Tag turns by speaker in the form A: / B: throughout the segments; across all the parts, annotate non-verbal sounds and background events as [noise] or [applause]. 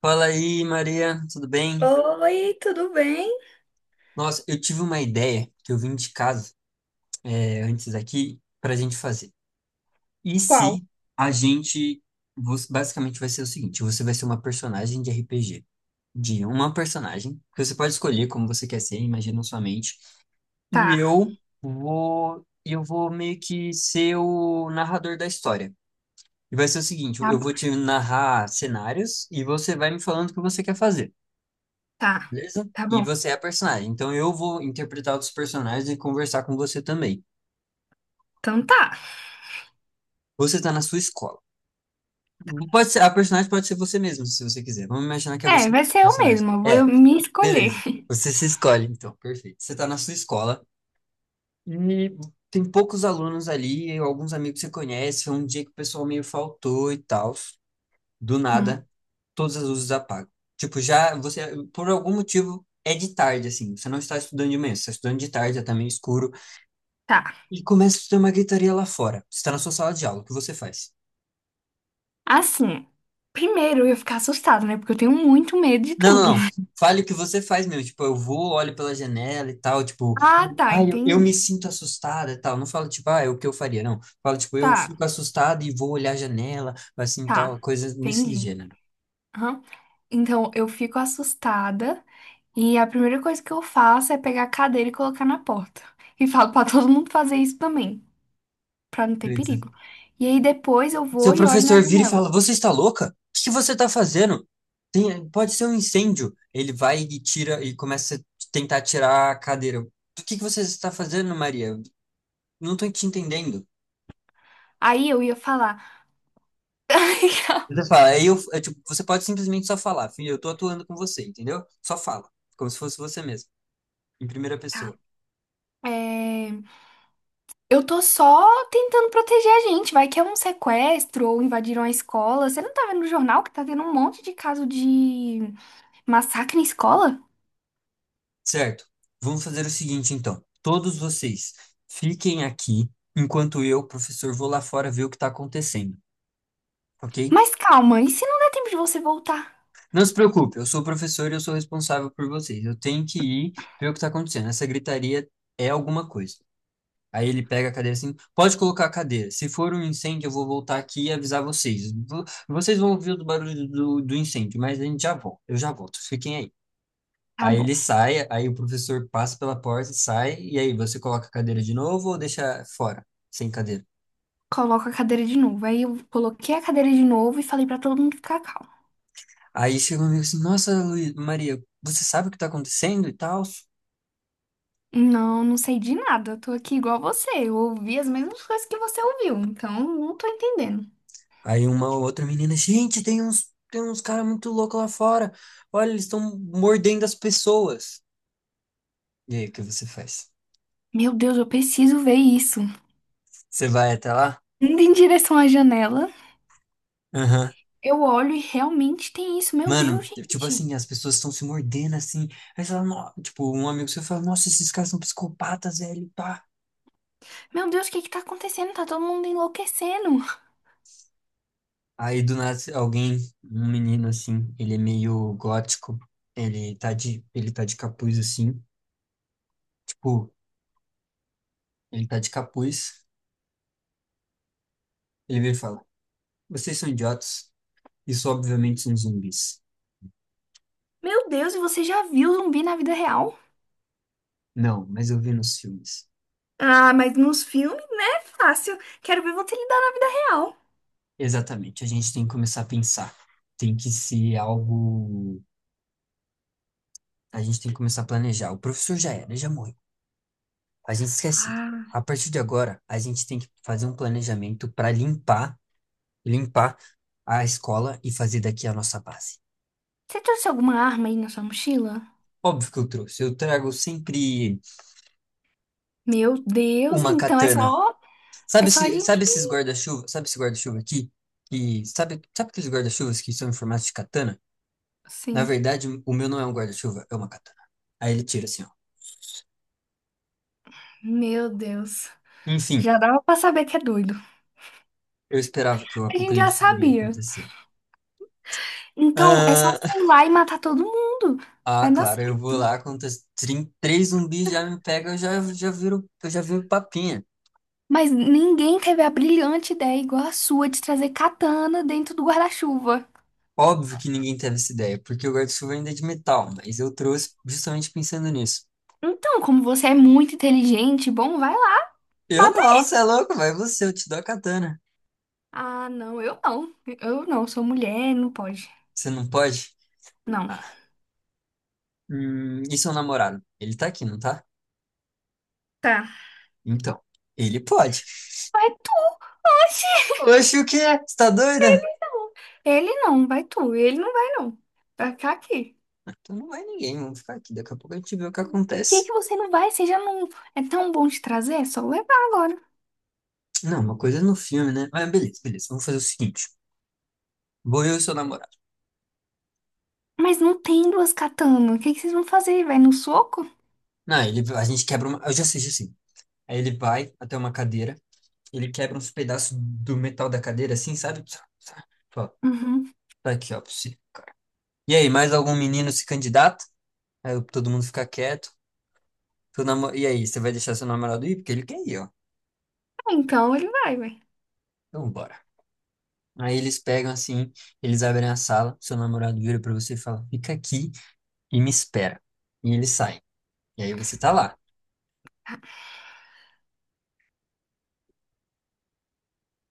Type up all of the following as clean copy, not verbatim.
A: Fala aí, Maria, tudo bem?
B: Oi, tudo bem?
A: Nossa, eu tive uma ideia que eu vim de casa antes aqui para a gente fazer. E
B: Qual?
A: se a gente. Você- Basicamente vai ser o seguinte: você vai ser uma personagem de RPG, de uma personagem, que você pode escolher como você quer ser, imagina na sua mente. E
B: Tá,
A: eu vou. Eu vou meio que ser o narrador da história. E vai ser o seguinte:
B: tá
A: eu
B: bom,
A: vou te narrar cenários e você vai me falando o que você quer fazer.
B: tá,
A: Beleza?
B: tá
A: E
B: bom.
A: você é a personagem. Então eu vou interpretar outros personagens e conversar com você também.
B: Então tá.
A: Você está na sua escola. Pode ser, a personagem pode ser você mesmo, se você quiser. Vamos imaginar que é
B: É,
A: você
B: vai
A: mesmo,
B: ser
A: o
B: eu
A: personagem.
B: mesma, eu vou
A: É,
B: me escolher.
A: beleza. Você se escolhe, então. Perfeito. Você está na sua escola e tem poucos alunos ali, alguns amigos que você conhece. Foi um dia que o pessoal meio faltou e tal. Do
B: Hum,
A: nada, todas as luzes apagam. Tipo, por algum motivo, é de tarde, assim. Você não está estudando de manhã, você está estudando de tarde, já tá meio escuro.
B: tá.
A: E começa a ter uma gritaria lá fora. Você está na sua sala de aula, o que você faz?
B: Assim, Primeiro eu ia ficar assustada, né? Porque eu tenho muito medo de
A: Não, não,
B: tudo.
A: não.
B: [laughs]
A: Fale o que você faz mesmo. Tipo, eu vou, olho pela janela e tal. Tipo,
B: Ah, tá,
A: eu me
B: entendi.
A: sinto assustada e tal. Não fala, tipo, ah, é o que eu faria, não. Fala, tipo, eu
B: Tá,
A: fico assustada e vou olhar a janela, assim, tal,
B: tá,
A: coisas nesse
B: entendi.
A: gênero.
B: Aham. Então eu fico assustada e a primeira coisa que eu faço é pegar a cadeira e colocar na porta. E falo pra [laughs] todo mundo fazer isso também, pra não ter
A: Beleza.
B: perigo. E aí depois eu vou
A: Seu
B: e olho na
A: professor vira e
B: janela.
A: fala, você está louca? O que você está fazendo? Tem, pode ser um incêndio. Ele vai e tira e começa a tentar tirar a cadeira. O que que você está fazendo, Maria? Não estou te entendendo.
B: Aí eu ia falar. [laughs]
A: Você fala, tipo, você pode simplesmente só falar, filho, eu tô atuando com você, entendeu? Só fala, como se fosse você mesmo, em primeira
B: Tá.
A: pessoa.
B: É, eu tô só tentando proteger a gente. Vai que é um sequestro ou invadiram a escola. Você não tá vendo no jornal que tá tendo um monte de caso de massacre em escola?
A: Certo? Vamos fazer o seguinte, então. Todos vocês fiquem aqui, enquanto eu, professor, vou lá fora ver o que tá acontecendo, ok?
B: Mas calma, e se não der tempo de você voltar?
A: Não se preocupe, eu sou o professor e eu sou responsável por vocês. Eu tenho que ir ver o que tá acontecendo. Essa gritaria é alguma coisa. Aí ele pega a cadeira assim, pode colocar a cadeira. Se for um incêndio, eu vou voltar aqui e avisar vocês. Vocês vão ouvir o barulho do incêndio, mas a gente já volta. Eu já volto, fiquem aí.
B: Tá
A: Aí
B: bom,
A: ele sai, aí o professor passa pela porta, sai, e aí você coloca a cadeira de novo ou deixa fora, sem cadeira?
B: coloco a cadeira de novo. Aí eu coloquei a cadeira de novo e falei pra todo mundo ficar calmo.
A: Aí chega um amigo assim, nossa, Maria, você sabe o que tá acontecendo e tal?
B: Não, não sei de nada. Eu tô aqui igual você. Eu ouvi as mesmas coisas que você ouviu, então não tô entendendo.
A: Aí uma outra menina, gente, tem uns caras muito loucos lá fora. Olha, eles estão mordendo as pessoas. E aí, o que você faz?
B: Meu Deus, eu preciso ver isso.
A: Você vai até lá?
B: Indo em direção à janela,
A: Aham.
B: eu olho e realmente tem isso. Meu Deus,
A: Mano, tipo
B: gente.
A: assim, as pessoas estão se mordendo assim. Aí você fala, "Nó-" tipo, um amigo seu fala, nossa, esses caras são psicopatas, velho, pá.
B: Meu Deus, o que que tá acontecendo? Tá todo mundo enlouquecendo.
A: Aí do nada alguém, um menino assim, ele é meio gótico, ele tá de capuz assim, tipo, ele tá de capuz, ele vem e fala, vocês são idiotas, isso obviamente são zumbis.
B: Meu Deus, e você já viu zumbi na vida real?
A: Não, mas eu vi nos filmes.
B: Ah, mas nos filmes, né? É fácil. Quero ver você lidar na vida real.
A: Exatamente, a gente tem que começar a pensar, tem que ser algo, a gente tem que começar a planejar. O professor já era, já morreu. A gente esquece.
B: Ah.
A: A partir de agora, a gente tem que fazer um planejamento para limpar, limpar a escola e fazer daqui a nossa base.
B: Você trouxe alguma arma aí na sua mochila?
A: Óbvio que eu trouxe. Eu trago sempre
B: Meu Deus,
A: uma
B: então
A: katana.
B: é
A: Sabe,
B: só a gente.
A: sabe esses guarda-chuva? Sabe esse guarda-chuva aqui? E sabe aqueles guarda-chuvas que são em formato de katana? Na
B: Sim,
A: verdade, o meu não é um guarda-chuva, é uma katana. Aí ele tira assim, ó.
B: meu Deus.
A: Enfim,
B: Já dava pra saber que é doido.
A: eu esperava que o
B: A gente já
A: apocalipse iria
B: sabia.
A: acontecer.
B: Então é só você
A: Ah,
B: ir lá e matar todo mundo.
A: ah,
B: Vai dar.
A: claro, eu vou lá, quando os três zumbis já me pegam, eu já viro papinha.
B: Mas ninguém teve a brilhante ideia igual a sua de trazer katana dentro do guarda-chuva.
A: Óbvio que ninguém teve essa ideia, porque o guarda-chuva ainda é de metal, mas eu trouxe justamente pensando nisso.
B: Então, como você é muito inteligente, bom, vai lá,
A: Eu
B: bata
A: não,
B: aí.
A: você é louco, vai você, eu te dou a katana.
B: Ah, não, eu não. Eu não, sou mulher, não pode.
A: Você não pode?
B: Não.
A: Ah, e seu namorado? Ele tá aqui, não tá?
B: Tá.
A: Então, ele pode.
B: Vai tu. Oxi,
A: Oxe, o quê? Você tá doida?
B: ele não. Ele não, vai tu. Ele não vai, não. Vai ficar aqui.
A: Então não vai ninguém, vamos ficar aqui, daqui a pouco a gente vê o que
B: Por que
A: acontece.
B: que você não vai? Você já não é tão bom de trazer? É só levar agora.
A: Não, uma coisa é no filme, né? Mas beleza, beleza, vamos fazer o seguinte. Vou eu e seu namorado.
B: Mas não tem duas katanas. O que que vocês vão fazer? Vai no soco?
A: Não, ele, a gente quebra uma. Eu já assisti assim. Aí ele vai até uma cadeira, ele quebra uns pedaços do metal da cadeira, assim, sabe? Tsa, tsa. Fala,
B: Uhum.
A: tá aqui, ó, pra você. E aí, mais algum menino se candidata? Aí todo mundo fica quieto. E aí, você vai deixar seu namorado ir? Porque ele quer ir, ó.
B: Então ele vai, vai.
A: Então, bora. Aí eles pegam assim, eles abrem a sala, seu namorado vira pra você e fala: fica aqui e me espera. E ele sai. E aí você tá lá.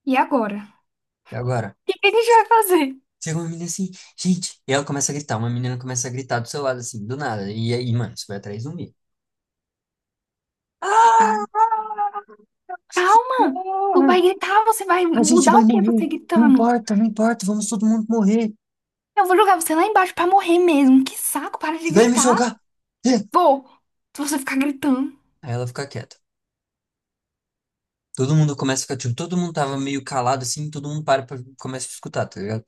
B: E agora?
A: E agora?
B: O que que a gente vai fazer?
A: Chega uma menina assim, gente, e ela começa a gritar, uma menina começa a gritar do seu lado, assim, do nada, e aí, mano, você vai atrás de zumbi.
B: Ah,
A: Ah! Ah!
B: calma! Tu vai gritar, você vai
A: A gente
B: mudar
A: vai
B: o que você
A: morrer, não
B: gritando?
A: importa, não importa, vamos todo mundo morrer,
B: Eu vou jogar você lá embaixo pra morrer mesmo. Que saco, para de
A: você vai me
B: gritar.
A: jogar. É.
B: Vou, se você ficar gritando.
A: Aí ela fica quieta. Todo mundo começa a ficar, tipo, todo mundo tava meio calado, assim, todo mundo para pra, começa a escutar, tá ligado?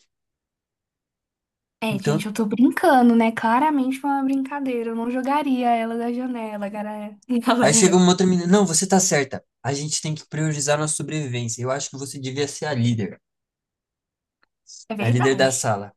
B: É,
A: Então,
B: gente, eu tô brincando, né? Claramente foi uma brincadeira. Eu não jogaria ela da janela, galera. [laughs]
A: aí chega
B: Galera.
A: uma outra menina, não, você tá certa, a gente tem que priorizar nossa sobrevivência, eu acho que você devia ser
B: É
A: a líder da
B: verdade.
A: sala.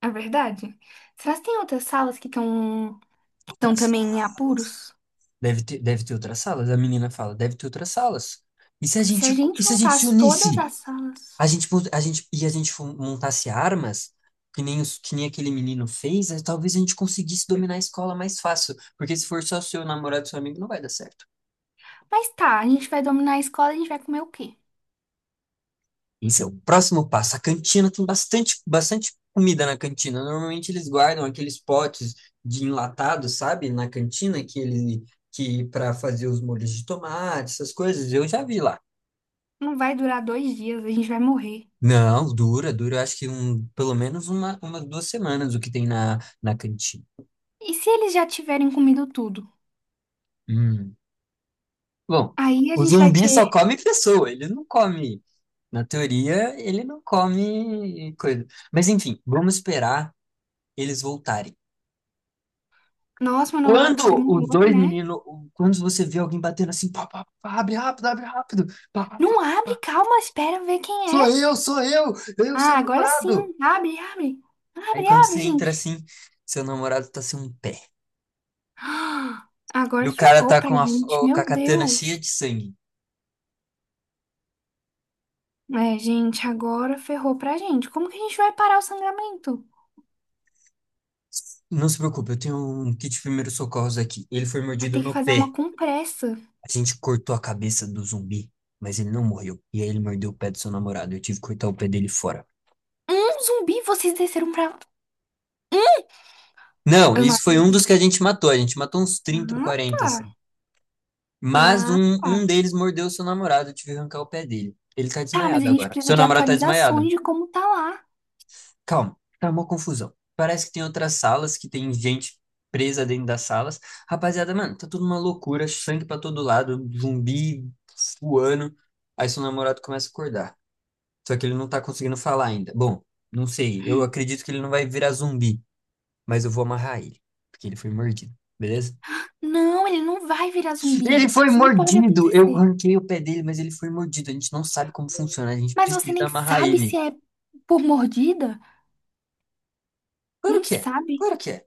B: É verdade. Será que tem outras salas que
A: Outra,
B: estão também em apuros?
A: deve ter outras salas. A menina fala, deve ter outras salas. E se a
B: Se a
A: gente, e
B: gente
A: se a gente se
B: juntasse todas
A: unisse?
B: as salas.
A: A gente, montasse armas, que nem aquele menino fez, talvez a gente conseguisse dominar a escola mais fácil. Porque se for só seu namorado, seu amigo, não vai dar certo.
B: Mas tá, a gente vai dominar a escola, a gente vai comer o quê?
A: Esse é o próximo passo. A cantina tem bastante, bastante comida na cantina. Normalmente eles guardam aqueles potes de enlatado, sabe? Na cantina, que ele, que para fazer os molhos de tomate, essas coisas. Eu já vi lá.
B: Não vai durar dois dias, a gente vai morrer.
A: Não, dura, dura, eu acho que pelo menos uma 2 semanas o que tem na cantina.
B: E se eles já tiverem comido tudo?
A: Hum. Bom,
B: Aí a
A: o
B: gente vai
A: zumbi
B: ter.
A: só come pessoa, ele não come. Na teoria, ele não come coisa. Mas enfim, vamos esperar eles voltarem.
B: Nossa, meu namorado tá
A: Quando os
B: demorando,
A: dois
B: né?
A: meninos, quando você vê alguém batendo assim, pá, pá, pá, abre rápido, pá, pá,
B: Não
A: pá,
B: abre,
A: pá,
B: calma, espera ver quem é.
A: sou eu, seu
B: Ah, agora sim.
A: namorado.
B: Abre, abre.
A: Aí
B: Abre,
A: quando
B: abre,
A: você entra
B: gente.
A: assim, seu namorado tá sem um pé.
B: [gasps] Ah,
A: E
B: agora
A: o cara
B: ferrou
A: tá
B: pra
A: com a,
B: gente,
A: o- com a
B: meu
A: katana cheia
B: Deus.
A: de sangue.
B: É, gente, agora ferrou pra gente. Como que a gente vai parar o sangramento?
A: Não se preocupe, eu tenho um kit de primeiros socorros aqui. Ele foi
B: Vai
A: mordido
B: ter que
A: no
B: fazer
A: pé.
B: uma compressa.
A: A gente cortou a cabeça do zumbi, mas ele não morreu. E aí ele mordeu o pé do seu namorado. Eu tive que cortar o pé dele fora.
B: Um zumbi, vocês desceram pra. Um?
A: Não,
B: Eu não
A: isso foi um dos que
B: acredito.
A: a gente matou. A gente matou uns 30, ou
B: Ah,
A: 40,
B: tá.
A: assim. Mas
B: Ah,
A: um
B: tá.
A: deles mordeu o seu namorado. Eu tive que arrancar o pé dele. Ele tá
B: Tá, mas a
A: desmaiado
B: gente
A: agora.
B: precisa
A: Seu
B: de
A: namorado tá
B: atualizações
A: desmaiado.
B: de como tá lá.
A: Calma, tá uma confusão. Parece que tem outras salas que tem gente presa dentro das salas. Rapaziada, mano, tá tudo uma loucura, sangue pra todo lado, zumbi voando. Aí seu namorado começa a acordar. Só que ele não tá conseguindo falar ainda. Bom, não sei, eu acredito que ele não vai virar zumbi, mas eu vou amarrar ele, porque ele foi mordido, beleza?
B: Não, ele não vai virar
A: Ele
B: zumbi.
A: foi
B: Isso não pode
A: mordido! Eu
B: acontecer.
A: arranquei o pé dele, mas ele foi mordido. A gente não sabe como funciona, a gente
B: Mas você
A: precisa
B: nem
A: amarrar
B: sabe se
A: ele.
B: é por mordida?
A: Claro
B: Nem
A: que é,
B: sabe?
A: claro que é.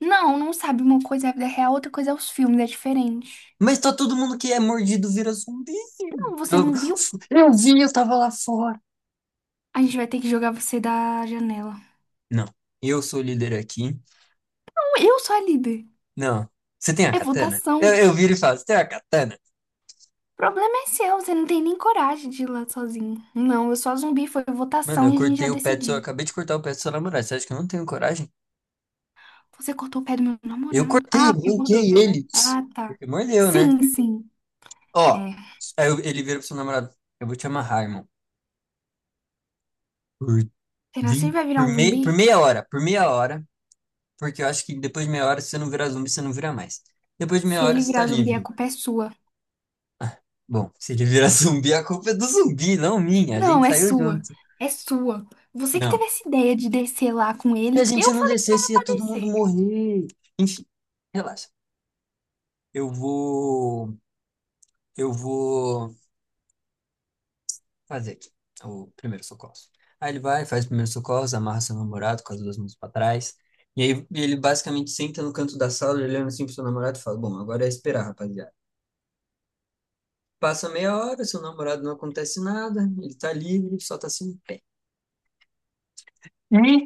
B: Não, não sabe. Uma coisa é a vida real, outra coisa é os filmes, é diferente.
A: Mas tá todo mundo que é mordido vira zumbi.
B: Não, você
A: Eu,
B: não viu?
A: eu vi, eu tava lá fora.
B: A gente vai ter que jogar você da janela.
A: Não, eu sou o líder aqui.
B: Não, eu sou a líder.
A: Não, você tem a
B: É
A: katana? Eu,
B: votação.
A: eu viro e falo, você tem a katana?
B: O problema é seu, você não tem nem coragem de ir lá sozinho. Não, eu sou a zumbi, foi
A: Mano,
B: votação e a gente já
A: eu
B: decidiu.
A: acabei de cortar o pé do seu namorado. Você acha que eu não tenho coragem?
B: Você cortou o pé do meu
A: Eu
B: namorado.
A: cortei,
B: Ah, porque mudou,
A: arranquei
B: né?
A: ele.
B: Ah, tá.
A: Porque mordeu, né?
B: Sim, sim.
A: Ó,
B: É.
A: ele vira pro seu namorado, eu vou te amarrar, irmão. Por,
B: Será que ele
A: vin-
B: vai virar
A: por,
B: um
A: mei-
B: zumbi?
A: por meia hora, por meia hora. Porque eu acho que depois de meia hora, se você não virar zumbi, você não vira mais. Depois de meia
B: Se
A: hora,
B: ele
A: você tá
B: virar zumbi, a
A: livre.
B: culpa é sua.
A: Bom, se ele virar [laughs] zumbi, a culpa é do zumbi, não minha. A
B: Não,
A: gente
B: é
A: saiu
B: sua.
A: junto.
B: É sua. Você que
A: Não.
B: teve essa ideia de descer lá com
A: Se a
B: ele.
A: gente
B: Eu
A: não
B: falei que não ia
A: descesse, ia
B: pra
A: todo mundo
B: descer.
A: morrer. Enfim, relaxa. Eu vou. Eu vou fazer aqui o primeiro socorro. Aí ele vai, faz o primeiro socorro, amarra seu namorado com as duas mãos pra trás. E aí ele basicamente senta no canto da sala, olhando assim pro seu namorado e fala: Bom, agora é esperar, rapaziada. Passa meia hora, seu namorado não acontece nada, ele tá livre, só tá sem pé. E?